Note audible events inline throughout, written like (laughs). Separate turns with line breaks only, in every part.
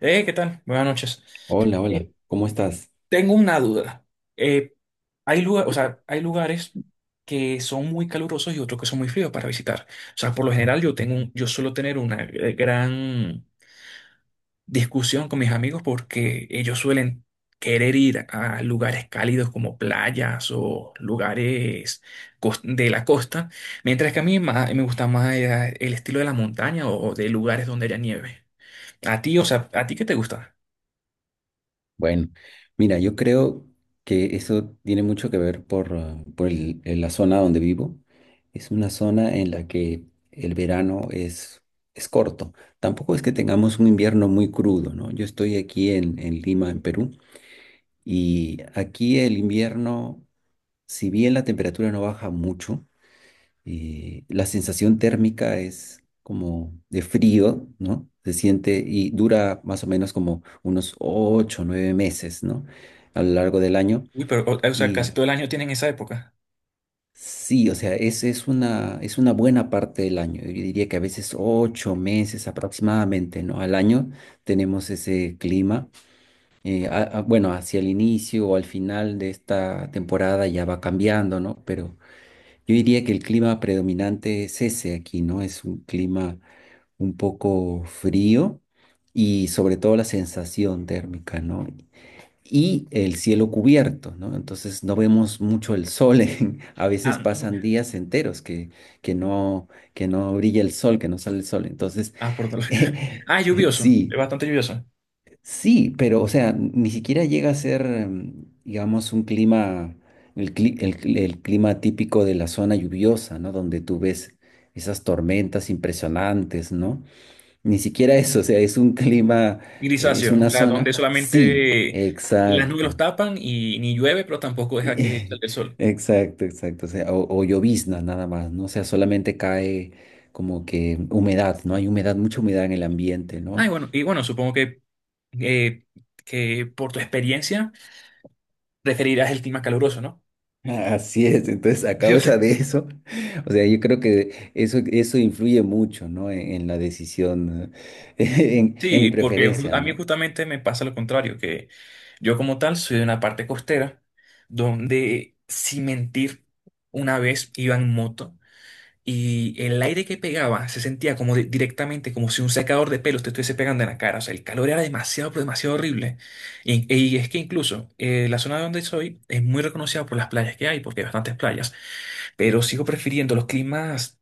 ¿Qué tal? Buenas noches.
Hola, hola,
Eh,
¿cómo estás?
Tengo una duda. Eh, Hay hay lugares que son muy calurosos y otros que son muy fríos para visitar. O sea, por lo general yo tengo, yo suelo tener una gran discusión con mis amigos porque ellos suelen querer ir a lugares cálidos como playas o lugares de la costa, mientras que a mí, me gusta más el estilo de la montaña o de lugares donde haya nieve. A ti, o sea, ¿a ti qué te gusta?
Bueno, mira, yo creo que eso tiene mucho que ver por la zona donde vivo. Es una zona en la que el verano es corto. Tampoco es que tengamos un invierno muy crudo, ¿no? Yo estoy aquí en Lima, en Perú, y aquí el invierno, si bien la temperatura no baja mucho, la sensación térmica es como de frío, ¿no? Se siente y dura más o menos como unos 8 o 9 meses, ¿no? A lo largo del año.
Uy, pero, o sea, casi
Y
todo el año tienen esa época.
sí, o sea, es una buena parte del año. Yo diría que a veces 8 meses aproximadamente, ¿no? Al año tenemos ese clima. Bueno, hacia el inicio o al final de esta temporada ya va cambiando, ¿no? Pero yo diría que el clima predominante es ese aquí, ¿no? Es un clima un poco frío y sobre todo la sensación térmica, ¿no? Y el cielo cubierto, ¿no? Entonces no vemos mucho el sol. (laughs) A veces
Ah, no.
pasan días enteros que no, que no brilla el sol, que no sale el sol. Entonces,
Ah, por todo
(laughs)
el (laughs)
eh,
Ah, es lluvioso, es
sí,
bastante lluvioso.
sí, pero o sea, ni siquiera llega a ser, digamos, un clima, el clima típico de la zona lluviosa, ¿no? Donde tú ves esas tormentas impresionantes, ¿no? Ni siquiera eso, o sea, es un clima, es
Grisáceo, o
una
sea, donde
zona. Sí,
solamente las nubes
exacto.
los tapan y ni llueve, pero tampoco deja que salga
Y-
el
(laughs)
sol.
Exacto, exacto. O sea, o llovizna nada más, ¿no? O sea, solamente cae como que humedad, ¿no? Hay humedad, mucha humedad en el ambiente,
Ah,
¿no?
y bueno, supongo eh, que por tu experiencia preferirás el clima caluroso, ¿no?
(laughs) Así es, entonces
(laughs)
a
Yo
causa
sé.
de eso, (laughs) o sea, yo creo que eso influye mucho, ¿no? En la decisión, (laughs) en mi
Sí, porque
preferencia,
a mí
¿no?
justamente me pasa lo contrario, que yo como tal soy de una parte costera donde, sin mentir, una vez iba en moto. Y el aire que pegaba se sentía como directamente, como si un secador de pelos te estuviese pegando en la cara. O sea, el calor era demasiado, pero demasiado horrible. Y es que incluso la zona donde soy es muy reconocida por las playas que hay, porque hay bastantes playas pero sigo prefiriendo los climas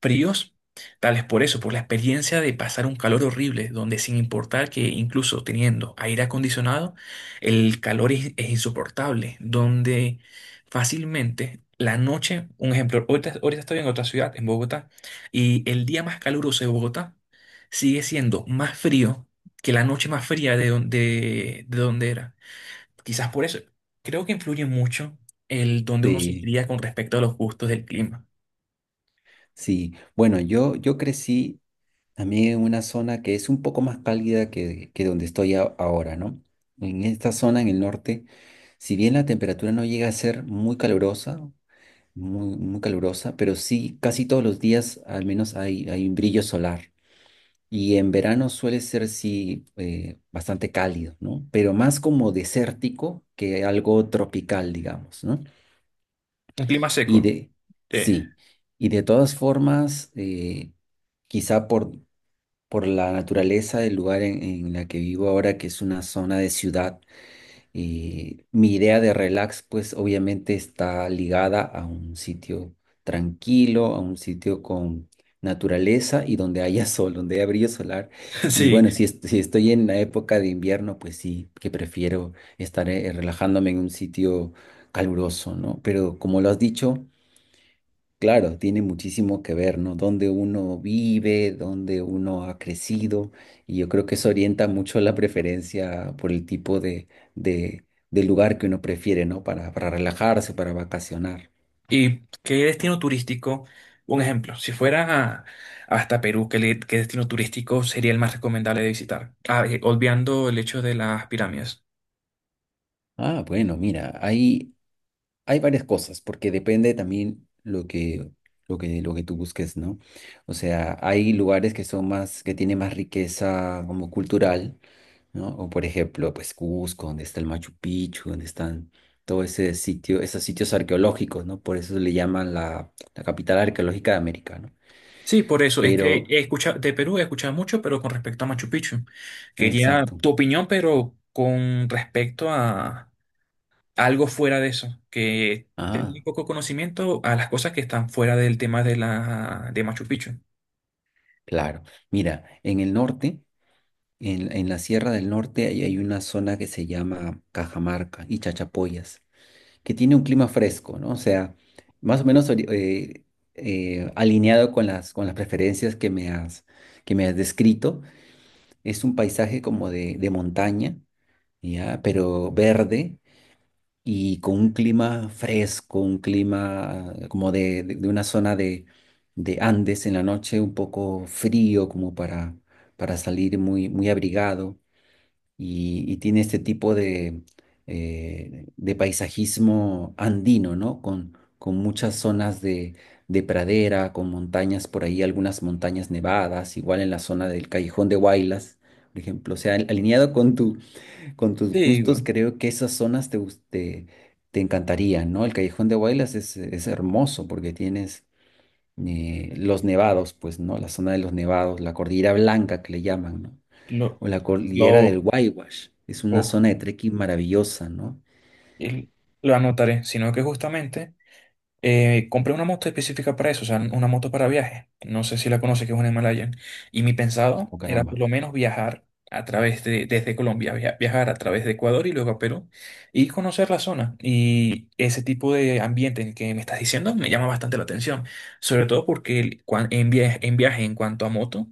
fríos, tal vez por eso, por la experiencia de pasar un calor horrible, donde sin importar que incluso teniendo aire acondicionado, el calor es insoportable, donde fácilmente la noche, un ejemplo, ahorita estoy en otra ciudad, en Bogotá, y el día más caluroso de Bogotá sigue siendo más frío que la noche más fría de donde, de donde era. Quizás por eso. Creo que influye mucho el donde uno se
Sí,
cría con respecto a los gustos del clima.
sí. Bueno, yo crecí. A mí, en una zona que es un poco más cálida que donde estoy ahora, ¿no? En esta zona, en el norte, si bien la temperatura no llega a ser muy calurosa, muy, muy calurosa, pero sí casi todos los días al menos hay un brillo solar. Y en verano suele ser, sí, bastante cálido, ¿no? Pero más como desértico que algo tropical, digamos, ¿no?
Un clima
Y
seco.
de,
eh,
sí, y de todas formas, quizá por la naturaleza del lugar en la que vivo ahora, que es una zona de ciudad, y mi idea de relax, pues obviamente está ligada a un sitio tranquilo, a un sitio con naturaleza y donde haya (laughs) sol, donde haya brillo solar.
(laughs)
Y
Sí.
bueno, si estoy en la época de invierno, pues sí, que prefiero estar relajándome en un sitio caluroso, ¿no? Pero como lo has dicho, claro, tiene muchísimo que ver, ¿no? Dónde uno vive, dónde uno ha crecido, y yo creo que eso orienta mucho la preferencia por el tipo de, de lugar que uno prefiere, ¿no? Para relajarse, para vacacionar.
¿Y qué destino turístico? Un ejemplo, si fuera a- hasta Perú, ¿qué destino turístico sería el más recomendable de visitar? Ah, olvidando el hecho de las pirámides.
Ah, bueno, mira, hay varias cosas, porque depende también lo que tú busques, ¿no? O sea, hay lugares que son más, que tienen más riqueza como cultural, ¿no? O por ejemplo, pues Cusco, donde está el Machu Picchu, donde están todo ese sitio, esos sitios arqueológicos, ¿no? Por eso le llaman la capital arqueológica de América, ¿no?
Sí, por eso es que
Pero,
he escuchado de Perú he escuchado mucho, pero con respecto a Machu Picchu. Quería
exacto.
tu opinión, pero con respecto a algo fuera de eso, que tenga
Ah,
muy poco conocimiento a las cosas que están fuera del tema de la de Machu Picchu.
claro. Mira, en el norte, en la Sierra del Norte, hay una zona que se llama Cajamarca y Chachapoyas, que tiene un clima fresco, ¿no? O sea, más o menos alineado con las preferencias que me has descrito. Es un paisaje como de montaña, ¿ya? Pero verde y con un clima fresco, un clima como de una zona de Andes en la noche, un poco frío como para salir muy, muy abrigado y tiene este tipo de paisajismo andino, ¿no? Con muchas zonas de pradera, con montañas por ahí, algunas montañas nevadas, igual en la zona del Callejón de Huaylas, por ejemplo. O sea, alineado con tus
Sí,
gustos,
bueno,
creo que esas zonas te encantarían, ¿no? El Callejón de Huaylas es hermoso porque tienes los nevados, pues, ¿no? La zona de los nevados, la Cordillera Blanca que le llaman, ¿no?
lo,
O la Cordillera
lo,
del Waiwash. Es una
o-
zona de trekking maravillosa, ¿no?
el- lo anotaré, sino que justamente compré una moto específica para eso, o sea, una moto para viaje. No sé si la conoces, que es una Himalayan. Y mi pensado
Oh,
era por
caramba.
lo menos viajar a través de, desde Colombia, viajar a través de Ecuador y luego a Perú y conocer la zona. Y ese tipo de ambiente en el que me estás diciendo me llama bastante la atención, sobre todo porque en viaje, en viaje en cuanto a moto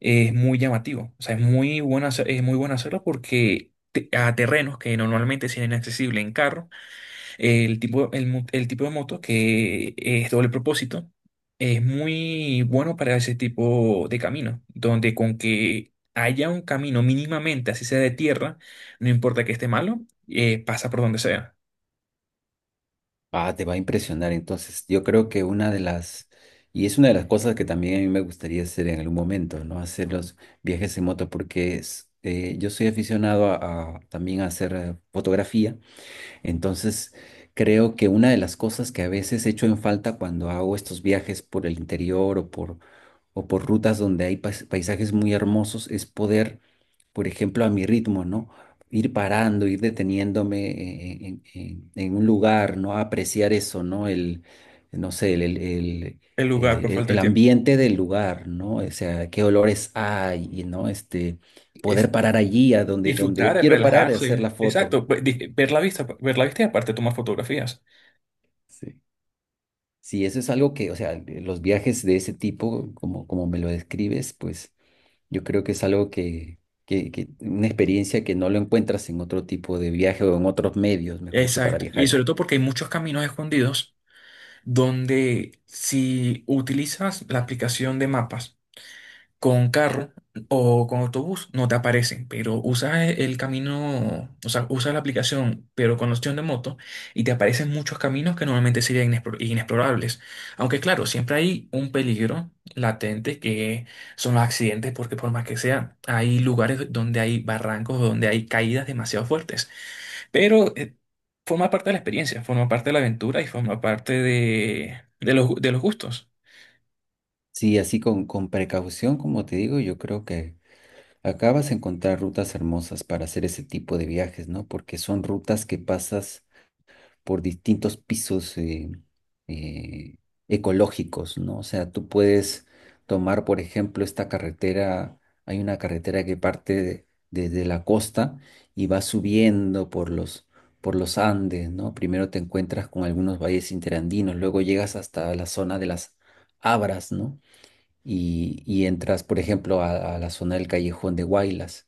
es muy llamativo. O sea, es muy bueno hacerlo porque a terrenos que normalmente son inaccesibles en carro el tipo de moto que es doble propósito es muy bueno para ese tipo de camino, donde con que haya un camino mínimamente, así sea de tierra, no importa que esté malo, pasa por donde sea.
Ah, te va a impresionar. Entonces, yo creo que una de las, y es una de las cosas que también a mí me gustaría hacer en algún momento, ¿no? Hacer los viajes en moto, porque yo soy aficionado a también a hacer fotografía. Entonces, creo que una de las cosas que a veces echo en falta cuando hago estos viajes por el interior o por rutas donde hay paisajes muy hermosos, es poder, por ejemplo, a mi ritmo, ¿no? Ir parando, ir deteniéndome en un lugar, ¿no? Apreciar eso, ¿no? El, no sé, el, el, el-
El lugar por
eh, el-
falta de
el
tiempo.
ambiente del lugar, ¿no? O sea, qué olores hay, ¿no? Poder
Es
parar allí, donde
disfrutar,
yo
es
quiero parar, y hacer la
relajarse.
foto.
Exacto, ver la vista y aparte tomar fotografías.
Sí. Sí, eso es algo que, o sea, los viajes de ese tipo, como me lo describes, pues yo creo que es algo una experiencia que no lo encuentras en otro tipo de viaje o en otros medios, mejor dicho, para
Exacto. Y
viajar.
sobre todo porque hay muchos caminos escondidos donde si utilizas la aplicación de mapas, con carro o con autobús no te aparecen, pero usa el camino, o sea, usa la aplicación, pero con la opción de moto, y te aparecen muchos caminos que normalmente serían inexplorables. Aunque claro, siempre hay un peligro latente que son los accidentes, porque por más que sea, hay lugares donde hay barrancos, donde hay caídas demasiado fuertes. Pero forma parte de la experiencia, forma parte de la aventura y forma parte de los gustos.
Sí, así con precaución, como te digo, yo creo que acabas de encontrar rutas hermosas para hacer ese tipo de viajes, ¿no? Porque son rutas que pasas por distintos pisos eh, ecológicos, ¿no? O sea, tú puedes tomar, por ejemplo, esta carretera, hay una carretera que parte desde la costa y va subiendo por los Andes, ¿no? Primero te encuentras con algunos valles interandinos, luego llegas hasta la zona de las Abras, ¿no? Y entras, por ejemplo, a la zona del Callejón de Huaylas.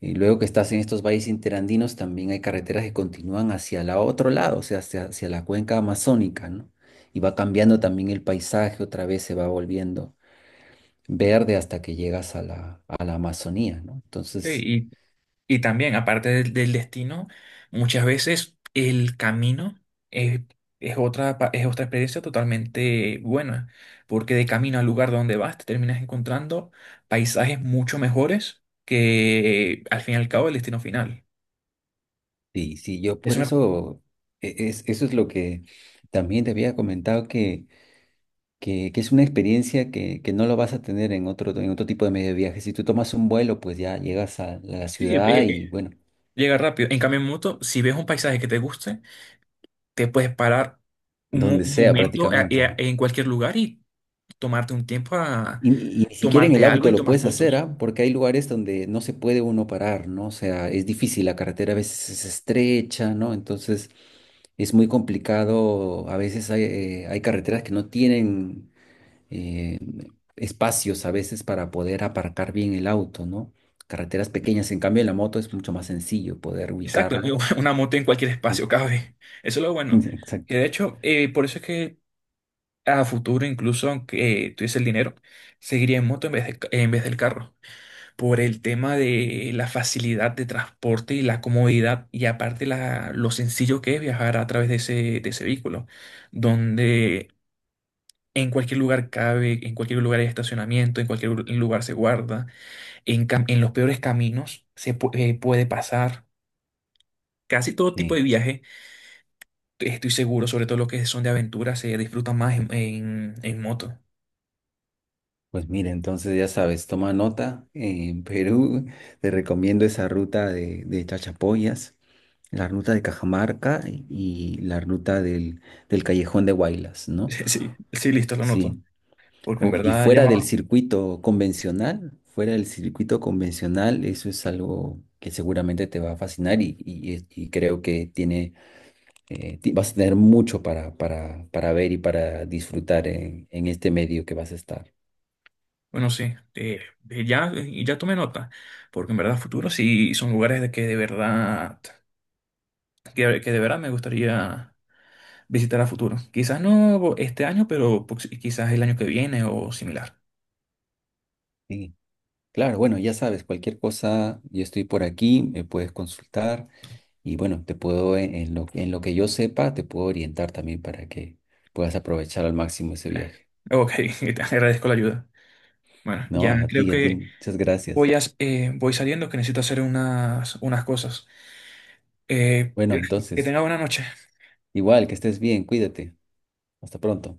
Y luego que estás en estos valles interandinos, también hay carreteras que continúan hacia el otro lado, o sea, hacia la cuenca amazónica, ¿no? Y va cambiando también el paisaje, otra vez se va volviendo verde hasta que llegas a la Amazonía, ¿no? Entonces,
Sí, y también, aparte del destino, muchas veces el camino es, es otra, es otra experiencia totalmente buena, porque de camino al lugar donde vas te terminas encontrando paisajes mucho mejores que al fin y al cabo el destino final.
sí, sí, yo por
Eso me,
eso, eso es lo que también te había comentado, que es una experiencia que no lo vas a tener en otro tipo de medio de viaje. Si tú tomas un vuelo, pues ya llegas a la
sí,
ciudad y bueno,
llega rápido. En cambio, en moto, si ves un paisaje que te guste, te puedes parar
donde
un
sea
momento
prácticamente, ¿no?
en cualquier lugar y tomarte un tiempo a
Y ni siquiera en el
tomarte algo
auto
y
lo
tomar
puedes hacer,
fotos.
¿ah? Porque hay lugares donde no se puede uno parar, ¿no? O sea, es difícil, la carretera a veces es estrecha, ¿no? Entonces es muy complicado, a veces hay carreteras que no tienen eh, espacios a veces para poder aparcar bien el auto, ¿no? Carreteras pequeñas, en cambio en la moto es mucho más sencillo poder
Exacto, (laughs) y
ubicarla.
una moto en cualquier
Sí,
espacio cabe. Eso es lo
(laughs)
bueno. Que
exacto.
de hecho, por eso es que a futuro, incluso aunque tuviese el dinero, seguiría en moto en vez del carro. Por el tema de la facilidad de transporte y la comodidad, y aparte lo sencillo que es viajar a través de de ese vehículo, donde en cualquier lugar cabe, en cualquier lugar hay estacionamiento, en cualquier lugar se guarda, en los peores caminos puede pasar. Casi todo tipo de
Sí.
viaje estoy seguro, sobre todo los que son de aventura, se disfrutan más en moto. (laughs)
Pues mira, entonces ya sabes, toma nota, en Perú te recomiendo esa ruta de Chachapoyas, la ruta de Cajamarca y la ruta del Callejón de Huaylas, ¿no?
Sí, sí, listo, lo noto.
Sí.
Porque en
Y
verdad ya
fuera del
más,
circuito convencional, fuera del circuito convencional, eso es algo que seguramente te va a fascinar y creo que vas a tener mucho para ver y para disfrutar en este medio que vas a estar.
bueno, sí, eh, ya tomé nota. Porque en verdad futuro sí son lugares de que de verdad, que de verdad me gustaría visitar a futuro. Quizás no este año, pero pues, quizás el año que viene o similar.
Sí. Claro, bueno, ya sabes, cualquier cosa, yo estoy por aquí, me puedes consultar y bueno, te puedo, en lo que yo sepa, te puedo orientar también para que puedas aprovechar al máximo ese
Eh,
viaje.
Ok, (laughs) te agradezco la ayuda. Bueno,
No,
ya creo
a ti,
que
muchas gracias.
voy saliendo que necesito hacer unas cosas. Eh,
Bueno,
que
entonces,
tenga buena noche.
igual, que estés bien, cuídate. Hasta pronto.